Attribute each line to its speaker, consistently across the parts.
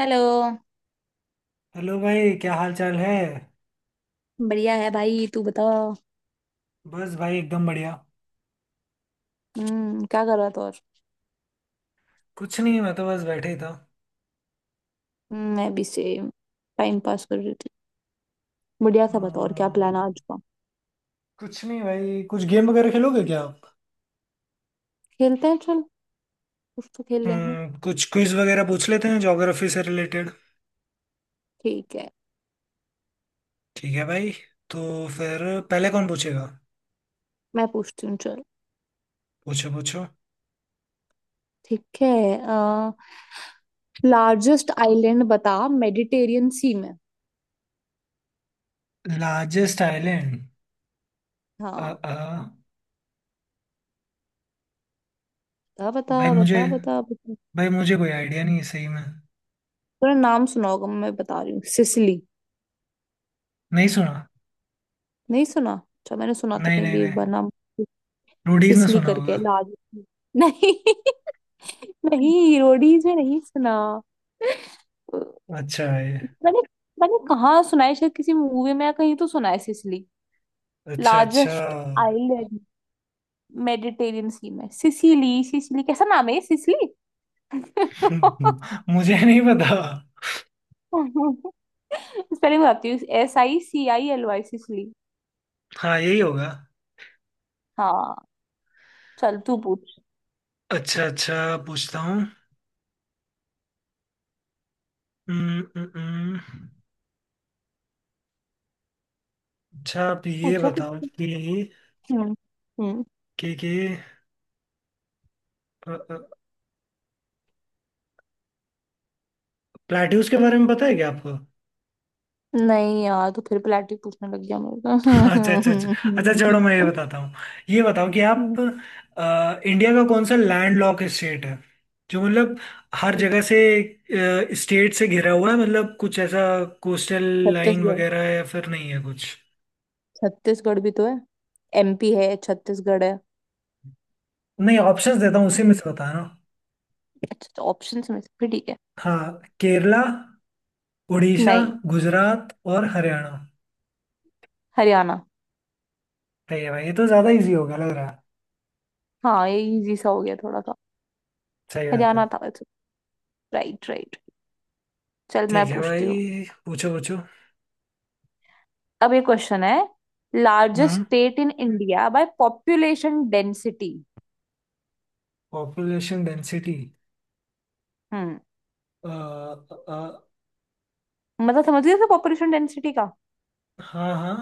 Speaker 1: Hello.
Speaker 2: Hello भाई क्या हाल चाल है।
Speaker 1: बढ़िया है भाई, तू बता।
Speaker 2: बस भाई एकदम बढ़िया।
Speaker 1: हम्म, क्या कर रहा था और?
Speaker 2: कुछ नहीं मैं तो बस बैठे ही था।
Speaker 1: मैं भी सेम टाइम पास कर रही थी। बढ़िया सा बता, और क्या प्लान है
Speaker 2: हम्म,
Speaker 1: आज का?
Speaker 2: कुछ नहीं भाई कुछ गेम वगैरह खेलोगे क्या आप।
Speaker 1: खेलते हैं चल, कुछ तो खेल लेंगे।
Speaker 2: कुछ क्विज वगैरह पूछ लेते हैं ज्योग्राफी से रिलेटेड।
Speaker 1: ठीक है,
Speaker 2: ठीक है भाई। तो फिर पहले कौन पूछेगा।
Speaker 1: मैं पूछती हूँ चल।
Speaker 2: पूछो पूछो।
Speaker 1: ठीक है। आ, लार्जेस्ट आइलैंड बता मेडिटेरियन सी में।
Speaker 2: Largest island. अ
Speaker 1: हाँ,
Speaker 2: अ,
Speaker 1: बता बता
Speaker 2: भाई मुझे
Speaker 1: बता बता बता
Speaker 2: भाई मुझे कोई आइडिया नहीं है सही में।
Speaker 1: तेरा नाम सुना होगा, मैं बता रही हूँ, सिसिली।
Speaker 2: नहीं सुना।
Speaker 1: नहीं सुना? अच्छा, मैंने सुना था
Speaker 2: नहीं
Speaker 1: कहीं
Speaker 2: नहीं
Speaker 1: भी एक
Speaker 2: नहीं।
Speaker 1: बार नाम,
Speaker 2: रोडीज में
Speaker 1: सिसिली
Speaker 2: सुना
Speaker 1: करके,
Speaker 2: होगा।
Speaker 1: लार्जेस्ट। नहीं नहीं, रोडीज में नहीं सुना।
Speaker 2: अच्छा है।
Speaker 1: मैंने मैंने कहाँ सुना है, शायद किसी मूवी में या कहीं तो सुना है सिसिली।
Speaker 2: अच्छा अच्छा।
Speaker 1: लार्जेस्ट आइलैंड मेडिटेरियन सी में सिसिली। सिसिली कैसा नाम है ये, सिसिली।
Speaker 2: मुझे नहीं पता।
Speaker 1: स्पेलिंग बताती हूँ, S I C I L Y, Sicily.
Speaker 2: हाँ यही होगा।
Speaker 1: हाँ, चल तू पूछ।
Speaker 2: अच्छा अच्छा। पूछता हूँ। हम्म, हम्म, हम्म। अच्छा आप ये
Speaker 1: पूछो
Speaker 2: बताओ
Speaker 1: पूछो।
Speaker 2: कि
Speaker 1: हम्म हम्म।
Speaker 2: कि कि अ, अ, प्लेट्यूस के बारे में पता है क्या आपको।
Speaker 1: नहीं यार, तो फिर प्लेटिव पूछने लग गया
Speaker 2: अच्छा अच्छा अच्छा। अच्छा छोड़ो मैं ये
Speaker 1: मेरे
Speaker 2: बताता हूँ। ये बताओ कि आप
Speaker 1: को
Speaker 2: इंडिया का कौन सा लैंड लॉक स्टेट है, जो मतलब हर जगह से स्टेट से घिरा हुआ है, मतलब कुछ ऐसा कोस्टल लाइन
Speaker 1: छत्तीसगढ़।
Speaker 2: वगैरह है या फिर नहीं है कुछ।
Speaker 1: छत्तीसगढ़ भी तो है, एमपी है, छत्तीसगढ़ है।
Speaker 2: नहीं ऑप्शंस देता हूँ उसी में
Speaker 1: हम्म,
Speaker 2: से बताना।
Speaker 1: अच्छा, ऑप्शन में से फिर ठीक है।
Speaker 2: हाँ, केरला, उड़ीसा,
Speaker 1: नहीं।
Speaker 2: गुजरात और हरियाणा।
Speaker 1: हरियाणा।
Speaker 2: सही है भाई। ये तो ज्यादा इजी होगा लग रहा है।
Speaker 1: हाँ, ये इजी सा हो गया थोड़ा सा।
Speaker 2: सही बात
Speaker 1: हरियाणा
Speaker 2: है।
Speaker 1: था वैसे। Right right. चल मैं
Speaker 2: ठीक है
Speaker 1: पूछती
Speaker 2: भाई।
Speaker 1: हूँ।
Speaker 2: पूछो पूछो।
Speaker 1: अब ये क्वेश्चन है, largest
Speaker 2: hmm
Speaker 1: state in India by population density.
Speaker 2: Population density.
Speaker 1: हम्म।
Speaker 2: आ,
Speaker 1: मतलब समझ गए पॉपुलेशन डेंसिटी का?
Speaker 2: हाँ हाँ।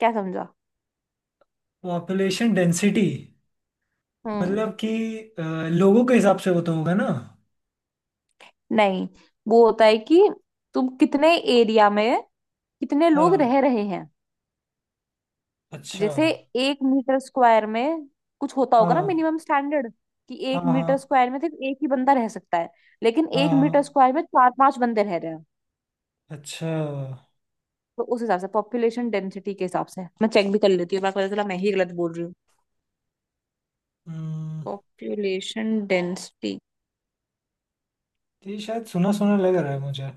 Speaker 1: क्या समझा?
Speaker 2: पॉपुलेशन डेंसिटी
Speaker 1: हम्म।
Speaker 2: मतलब कि अ, लोगों के हिसाब से वो तो होगा ना।
Speaker 1: नहीं, वो होता है कि तुम कितने एरिया में कितने लोग रह
Speaker 2: हाँ।
Speaker 1: रहे हैं।
Speaker 2: अच्छा।
Speaker 1: जैसे एक मीटर स्क्वायर में कुछ होता होगा ना
Speaker 2: हाँ
Speaker 1: मिनिमम स्टैंडर्ड, कि
Speaker 2: हाँ
Speaker 1: एक मीटर
Speaker 2: हाँ
Speaker 1: स्क्वायर में सिर्फ एक ही बंदा रह सकता है, लेकिन एक
Speaker 2: हाँ
Speaker 1: मीटर
Speaker 2: हाँ।
Speaker 1: स्क्वायर में चार पांच बंदे रह रहे हैं।
Speaker 2: अच्छा।
Speaker 1: तो उस हिसाब से, पॉपुलेशन डेंसिटी के हिसाब से, मैं चेक भी कर लेती हूँ, मैं पता चला मैं ही गलत बोल रही हूँ।
Speaker 2: हम्म
Speaker 1: पॉपुलेशन डेंसिटी।
Speaker 2: ये शायद सुना सुना लग रहा है मुझे।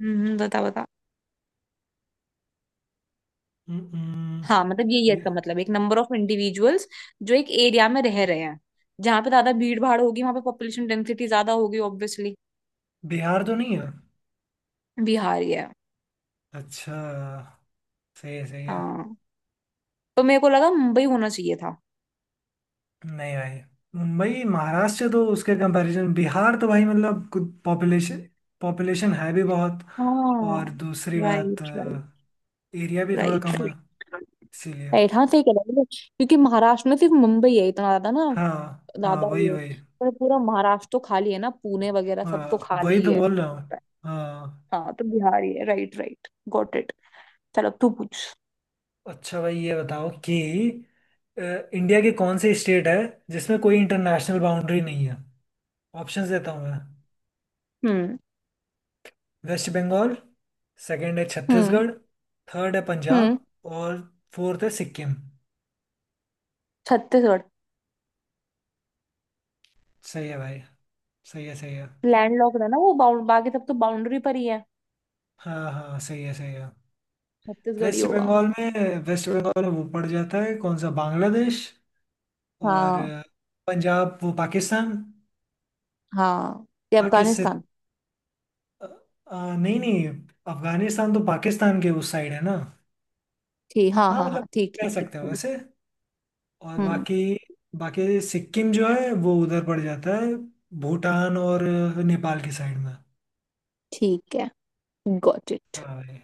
Speaker 1: बता बता।
Speaker 2: हम्म हम्म,
Speaker 1: हाँ मतलब यही है
Speaker 2: ये
Speaker 1: इसका मतलब, एक नंबर ऑफ इंडिविजुअल्स जो एक एरिया में रह रहे हैं। जहां पे ज्यादा भीड़ भाड़ होगी वहां पे पॉपुलेशन डेंसिटी ज्यादा होगी ऑब्वियसली।
Speaker 2: बिहार तो नहीं है।
Speaker 1: बिहार ही है।
Speaker 2: अच्छा। सही है सही है।
Speaker 1: हाँ, तो मेरे को लगा मुंबई होना चाहिए था।
Speaker 2: नहीं भाई। मुंबई महाराष्ट्र तो उसके कंपैरिजन बिहार तो भाई मतलब कुछ पॉपुलेशन पॉपुलेशन है भी बहुत।
Speaker 1: हाँ।
Speaker 2: और दूसरी बात
Speaker 1: राइट राइट।
Speaker 2: एरिया भी थोड़ा
Speaker 1: राइट
Speaker 2: कम है
Speaker 1: राइट।
Speaker 2: इसीलिए।
Speaker 1: राइट, हाँ सही कह रहे हो, क्योंकि महाराष्ट्र में सिर्फ मुंबई है इतना ज्यादा ना,
Speaker 2: हाँ हाँ।
Speaker 1: ज्यादा
Speaker 2: वही
Speaker 1: ये।
Speaker 2: वही।
Speaker 1: पर पूरा महाराष्ट्र तो खाली है ना, पुणे वगैरह सब तो
Speaker 2: हाँ
Speaker 1: खाली
Speaker 2: वही
Speaker 1: ही
Speaker 2: तो
Speaker 1: है।
Speaker 2: बोल रहा हूँ। हाँ।
Speaker 1: हाँ तो बिहार ही है। Right right, got it. चलो अब तू पूछ।
Speaker 2: अच्छा भाई ये बताओ कि इंडिया के कौन से स्टेट है जिसमें कोई इंटरनेशनल बाउंड्री नहीं है। ऑप्शंस देता हूँ मैं।
Speaker 1: हम्म
Speaker 2: वेस्ट बंगाल। सेकंड है
Speaker 1: हम्म
Speaker 2: छत्तीसगढ़। थर्ड है
Speaker 1: हम्म।
Speaker 2: पंजाब। और फोर्थ है सिक्किम।
Speaker 1: छत्तीसगढ़।
Speaker 2: सही है भाई। सही है सही है।
Speaker 1: लैंड लॉक है ना वो बाउंड, बाकी सब तो बाउंड्री पर ही है।
Speaker 2: हाँ हाँ। सही है सही है।
Speaker 1: छत्तीसगढ़ ही
Speaker 2: वेस्ट
Speaker 1: होगा।
Speaker 2: बंगाल में वेस्ट बंगाल में वो पड़ जाता है कौन सा बांग्लादेश। और
Speaker 1: हाँ।
Speaker 2: पंजाब वो पाकिस्तान।
Speaker 1: हाँ, ये
Speaker 2: पाकिस्तान
Speaker 1: अफगानिस्तान।
Speaker 2: नहीं नहीं। अफगानिस्तान तो पाकिस्तान के उस साइड है ना।
Speaker 1: ठीक, हाँ
Speaker 2: हाँ
Speaker 1: हाँ
Speaker 2: मतलब
Speaker 1: हाँ, ठीक
Speaker 2: कह
Speaker 1: ठीक ठीक
Speaker 2: सकते हो
Speaker 1: ठीक।
Speaker 2: वैसे। और
Speaker 1: हम्म।
Speaker 2: बाकी बाकी सिक्किम जो है वो उधर पड़ जाता है। भूटान और नेपाल की साइड में।
Speaker 1: ठीक है, गॉट इट।
Speaker 2: हाँ भाई।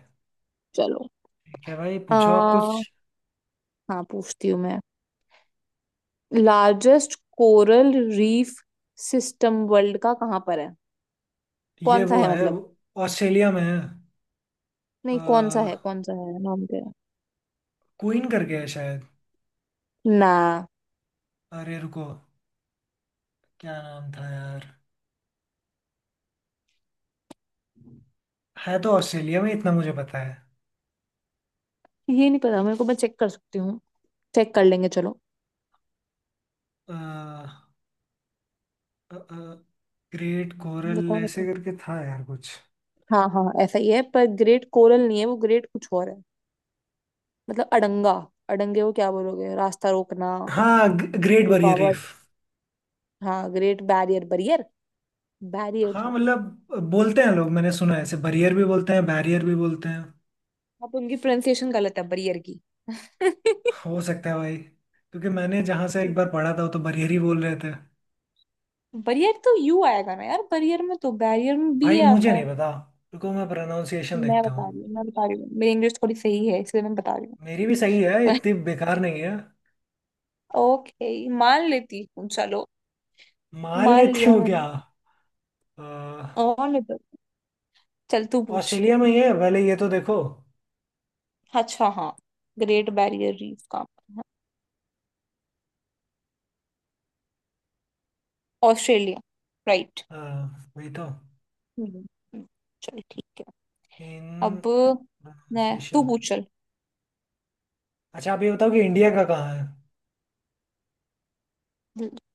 Speaker 1: चलो।
Speaker 2: ठीक है भाई। पूछो आप कुछ।
Speaker 1: हाँ, पूछती हूँ मैं। Largest coral reef system world का कहाँ पर है?
Speaker 2: ये
Speaker 1: कौन सा
Speaker 2: वो
Speaker 1: है
Speaker 2: है।
Speaker 1: मतलब?
Speaker 2: ऑस्ट्रेलिया में है।
Speaker 1: नहीं, कौन सा
Speaker 2: क्वीन
Speaker 1: है, कौन सा है, नाम क्या है?
Speaker 2: करके है शायद।
Speaker 1: ना।
Speaker 2: अरे रुको। क्या नाम था यार। है तो ऑस्ट्रेलिया में इतना मुझे पता है।
Speaker 1: ये नहीं पता मेरे को, मैं चेक कर सकती हूँ। चेक कर लेंगे, चलो।
Speaker 2: ग्रेट कोरल
Speaker 1: बता बता।
Speaker 2: ऐसे करके था यार कुछ।
Speaker 1: हाँ हाँ ऐसा ही है, पर ग्रेट कोरल नहीं है वो, ग्रेट कुछ और है। मतलब अड़ंगा, अड़ंगे को क्या बोलोगे, रास्ता रोकना,
Speaker 2: हाँ ग्रेट बैरियर
Speaker 1: रुकावट।
Speaker 2: रीफ।
Speaker 1: हाँ, ग्रेट बैरियर बरियर, बैरियर
Speaker 2: हाँ
Speaker 1: रीफ।
Speaker 2: मतलब बोलते हैं लोग मैंने सुना है ऐसे। बैरियर भी बोलते हैं बैरियर भी बोलते हैं।
Speaker 1: अब उनकी प्रोनाउंसिएशन गलत है बरियर की ठीक
Speaker 2: हो सकता है भाई क्योंकि मैंने जहाँ से एक
Speaker 1: है।
Speaker 2: बार पढ़ा था वो तो बैरियर ही बोल रहे थे।
Speaker 1: बरियर तो यू आएगा ना यार बरियर में, तो बैरियर में बी
Speaker 2: भाई
Speaker 1: आता
Speaker 2: मुझे
Speaker 1: है।
Speaker 2: नहीं पता। रुको मैं प्रोनाउंसिएशन
Speaker 1: मैं
Speaker 2: देखता
Speaker 1: बता
Speaker 2: हूँ।
Speaker 1: रही हूँ मैं बता रही हूँ मेरी इंग्लिश थोड़ी सही है, इसलिए मैं बता रही
Speaker 2: मेरी भी सही है
Speaker 1: हूँ।
Speaker 2: इतनी बेकार नहीं है।
Speaker 1: ओके, मान लेती हूँ, चलो।
Speaker 2: मान
Speaker 1: मान
Speaker 2: लेती
Speaker 1: लिया
Speaker 2: हूँ
Speaker 1: मैंने।
Speaker 2: क्या। अ,
Speaker 1: और नहीं तो, चल तू पूछ।
Speaker 2: ऑस्ट्रेलिया में ही है पहले ये तो देखो।
Speaker 1: अच्छा हाँ, ग्रेट बैरियर रीफ का, ऑस्ट्रेलिया, राइट।
Speaker 2: अ, वही तो।
Speaker 1: हम्म, चल ठीक है।
Speaker 2: इन
Speaker 1: अब मैं, तू
Speaker 2: प्रोनाउंसिएशन।
Speaker 1: पूछ चल।
Speaker 2: अच्छा आप ये बताओ कि इंडिया का कहाँ है।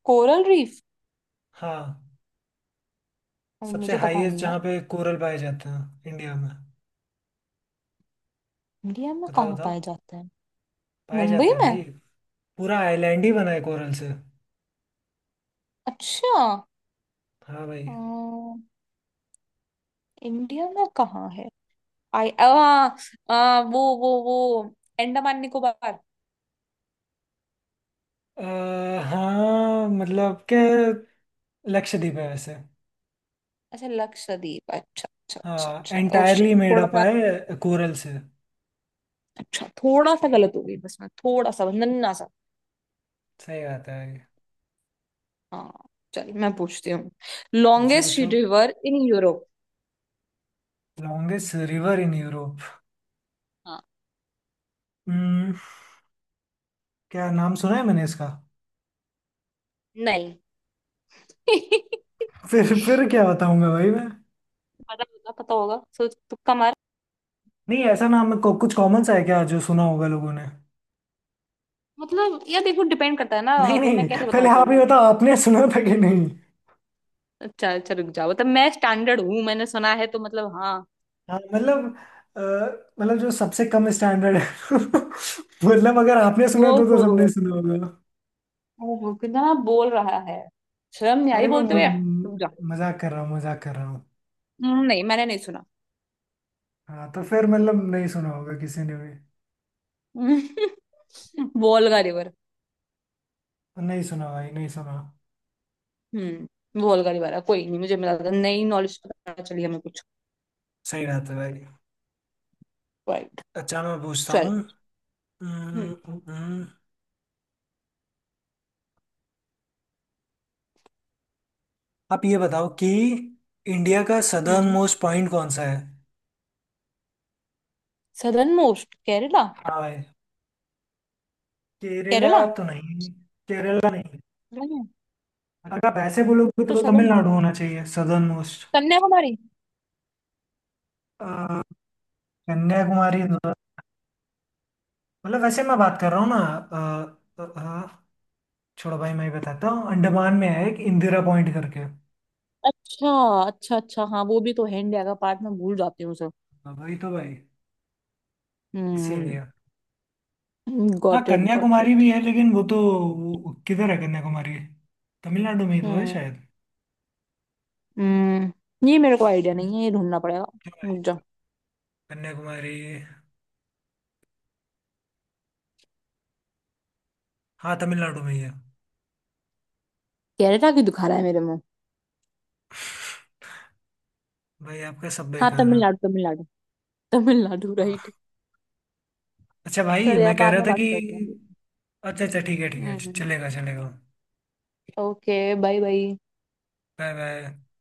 Speaker 1: Coral reef.
Speaker 2: हाँ।
Speaker 1: अरे
Speaker 2: सबसे
Speaker 1: मुझे पता
Speaker 2: हाईएस्ट
Speaker 1: नहीं यार।
Speaker 2: जहाँ पे कोरल पाए जाते हैं इंडिया में।
Speaker 1: इंडिया में
Speaker 2: बताओ
Speaker 1: कहाँ
Speaker 2: बताओ।
Speaker 1: पाया जाता है?
Speaker 2: पाए
Speaker 1: मुंबई
Speaker 2: जाते हैं भाई
Speaker 1: में।
Speaker 2: पूरा आइलैंड ही बना है कोरल से।
Speaker 1: अच्छा।
Speaker 2: हाँ भाई।
Speaker 1: इंडिया में कहाँ है? आई आ, आ, वो अंडमान निकोबार।
Speaker 2: अ, हाँ मतलब क्या लक्षद्वीप है वैसे।
Speaker 1: अच्छा लक्षद्वीप, अच्छा अच्छा अच्छा
Speaker 2: हाँ
Speaker 1: अच्छा, ओ शिट,
Speaker 2: एंटायरली मेड
Speaker 1: थोड़ा
Speaker 2: अप
Speaker 1: सा।
Speaker 2: है कोरल से।
Speaker 1: अच्छा थोड़ा सा गलत हो गई बस, मैं थोड़ा सा बस नन्ना सा।
Speaker 2: सही बात है ये।
Speaker 1: हाँ, चल मैं पूछती हूँ।
Speaker 2: पूछो
Speaker 1: लॉन्गेस्ट
Speaker 2: पूछो।
Speaker 1: River in Europe.
Speaker 2: Longest river in Europe.
Speaker 1: हाँ।
Speaker 2: हम्म। क्या नाम सुना है मैंने इसका।
Speaker 1: नहीं
Speaker 2: फिर क्या बताऊंगा भाई मैं।
Speaker 1: पता होगा पता होगा, सोच, तुक्का मार।
Speaker 2: नहीं ऐसा नाम है कुछ कॉमन सा है क्या जो सुना होगा लोगों ने।
Speaker 1: मतलब यार देखो, डिपेंड करता है ना,
Speaker 2: नहीं
Speaker 1: अब मैं
Speaker 2: नहीं
Speaker 1: कैसे बताऊं
Speaker 2: पहले
Speaker 1: तेरे
Speaker 2: आप ही
Speaker 1: को।
Speaker 2: बताओ आपने सुना था कि नहीं।
Speaker 1: अच्छा अच्छा रुक जाओ, मतलब मैं स्टैंडर्ड हूँ, मैंने सुना है तो मतलब हाँ।
Speaker 2: हाँ मतलब अ, मतलब जो सबसे कम स्टैंडर्ड है। मतलब अगर आपने
Speaker 1: वो
Speaker 2: सुना तो
Speaker 1: हो,
Speaker 2: सबने सुना होगा।
Speaker 1: ओहो, कितना बोल रहा है, शर्म नहीं आई
Speaker 2: अरे मैं
Speaker 1: बोलते हुए, रुक जा।
Speaker 2: मजाक कर रहा हूँ मजाक कर रहा हूँ।
Speaker 1: नहीं मैंने नहीं सुना।
Speaker 2: हाँ तो फिर मतलब नहीं सुना होगा किसी ने भी।
Speaker 1: हम्म, वोल्गा रिवर।
Speaker 2: नहीं सुना भाई नहीं सुना।
Speaker 1: हम्म, वोल्गा रिवर है, कोई नहीं, मुझे मिला था, नई नॉलेज पता चली हमें कुछ।
Speaker 2: सही बात है भाई।
Speaker 1: राइट।
Speaker 2: अच्छा मैं पूछता
Speaker 1: चल।
Speaker 2: हूँ।
Speaker 1: हम्म
Speaker 2: हम्म, हम्म, हम्म। आप ये बताओ कि इंडिया का सदर्न
Speaker 1: हम्म।
Speaker 2: मोस्ट पॉइंट कौन सा है।
Speaker 1: Southern most Kerala.
Speaker 2: हाँ भाई। केरला
Speaker 1: केरला।
Speaker 2: तो नहीं। केरला नहीं।
Speaker 1: नहीं।
Speaker 2: अगर आप ऐसे बोलोगे
Speaker 1: तो
Speaker 2: तो
Speaker 1: सदर्न,
Speaker 2: तमिलनाडु होना चाहिए सदर्न मोस्ट।
Speaker 1: कन्याकुमारी।
Speaker 2: कन्याकुमारी तो- मतलब वैसे मैं बात कर रहा हूँ ना हाँ। छोड़ो भाई मैं ही बताता हूँ अंडमान में है एक इंदिरा पॉइंट करके।
Speaker 1: अच्छा अच्छा अच्छा, हाँ वो भी तो है इंडिया का पार्ट, मैं भूल जाती हूँ उसे।
Speaker 2: हाँ, वही तो भाई।
Speaker 1: हम्म।
Speaker 2: इसीलिए। हाँ
Speaker 1: got it got
Speaker 2: Kanyakumari
Speaker 1: it.
Speaker 2: भी है लेकिन वो तो। वो किधर है कन्याकुमारी। तमिलनाडु में ही तो है
Speaker 1: हम्म
Speaker 2: शायद।
Speaker 1: हम्म, ये मेरे को आइडिया
Speaker 2: हम्म,
Speaker 1: नहीं है, ये ढूंढना पड़ेगा।
Speaker 2: क्यों भाई।
Speaker 1: रुक जा।
Speaker 2: कन्याकुमारी। हाँ तमिलनाडु में ही है।
Speaker 1: केरला क्यों दिखा रहा है मेरे मुंह।
Speaker 2: भाई आपका सब
Speaker 1: हाँ
Speaker 2: बेकार है।
Speaker 1: तमिलनाडु, तमिलनाडु, तमिलनाडु, राइट।
Speaker 2: हाँ, अच्छा भाई
Speaker 1: चल यार,
Speaker 2: मैं कह
Speaker 1: बाद
Speaker 2: रहा
Speaker 1: में
Speaker 2: था
Speaker 1: बात
Speaker 2: कि।
Speaker 1: करते हैं।
Speaker 2: अच्छा अच्छा ठीक है
Speaker 1: हम्म,
Speaker 2: चलेगा चलेगा।
Speaker 1: Okay bye bye.
Speaker 2: Bye bye.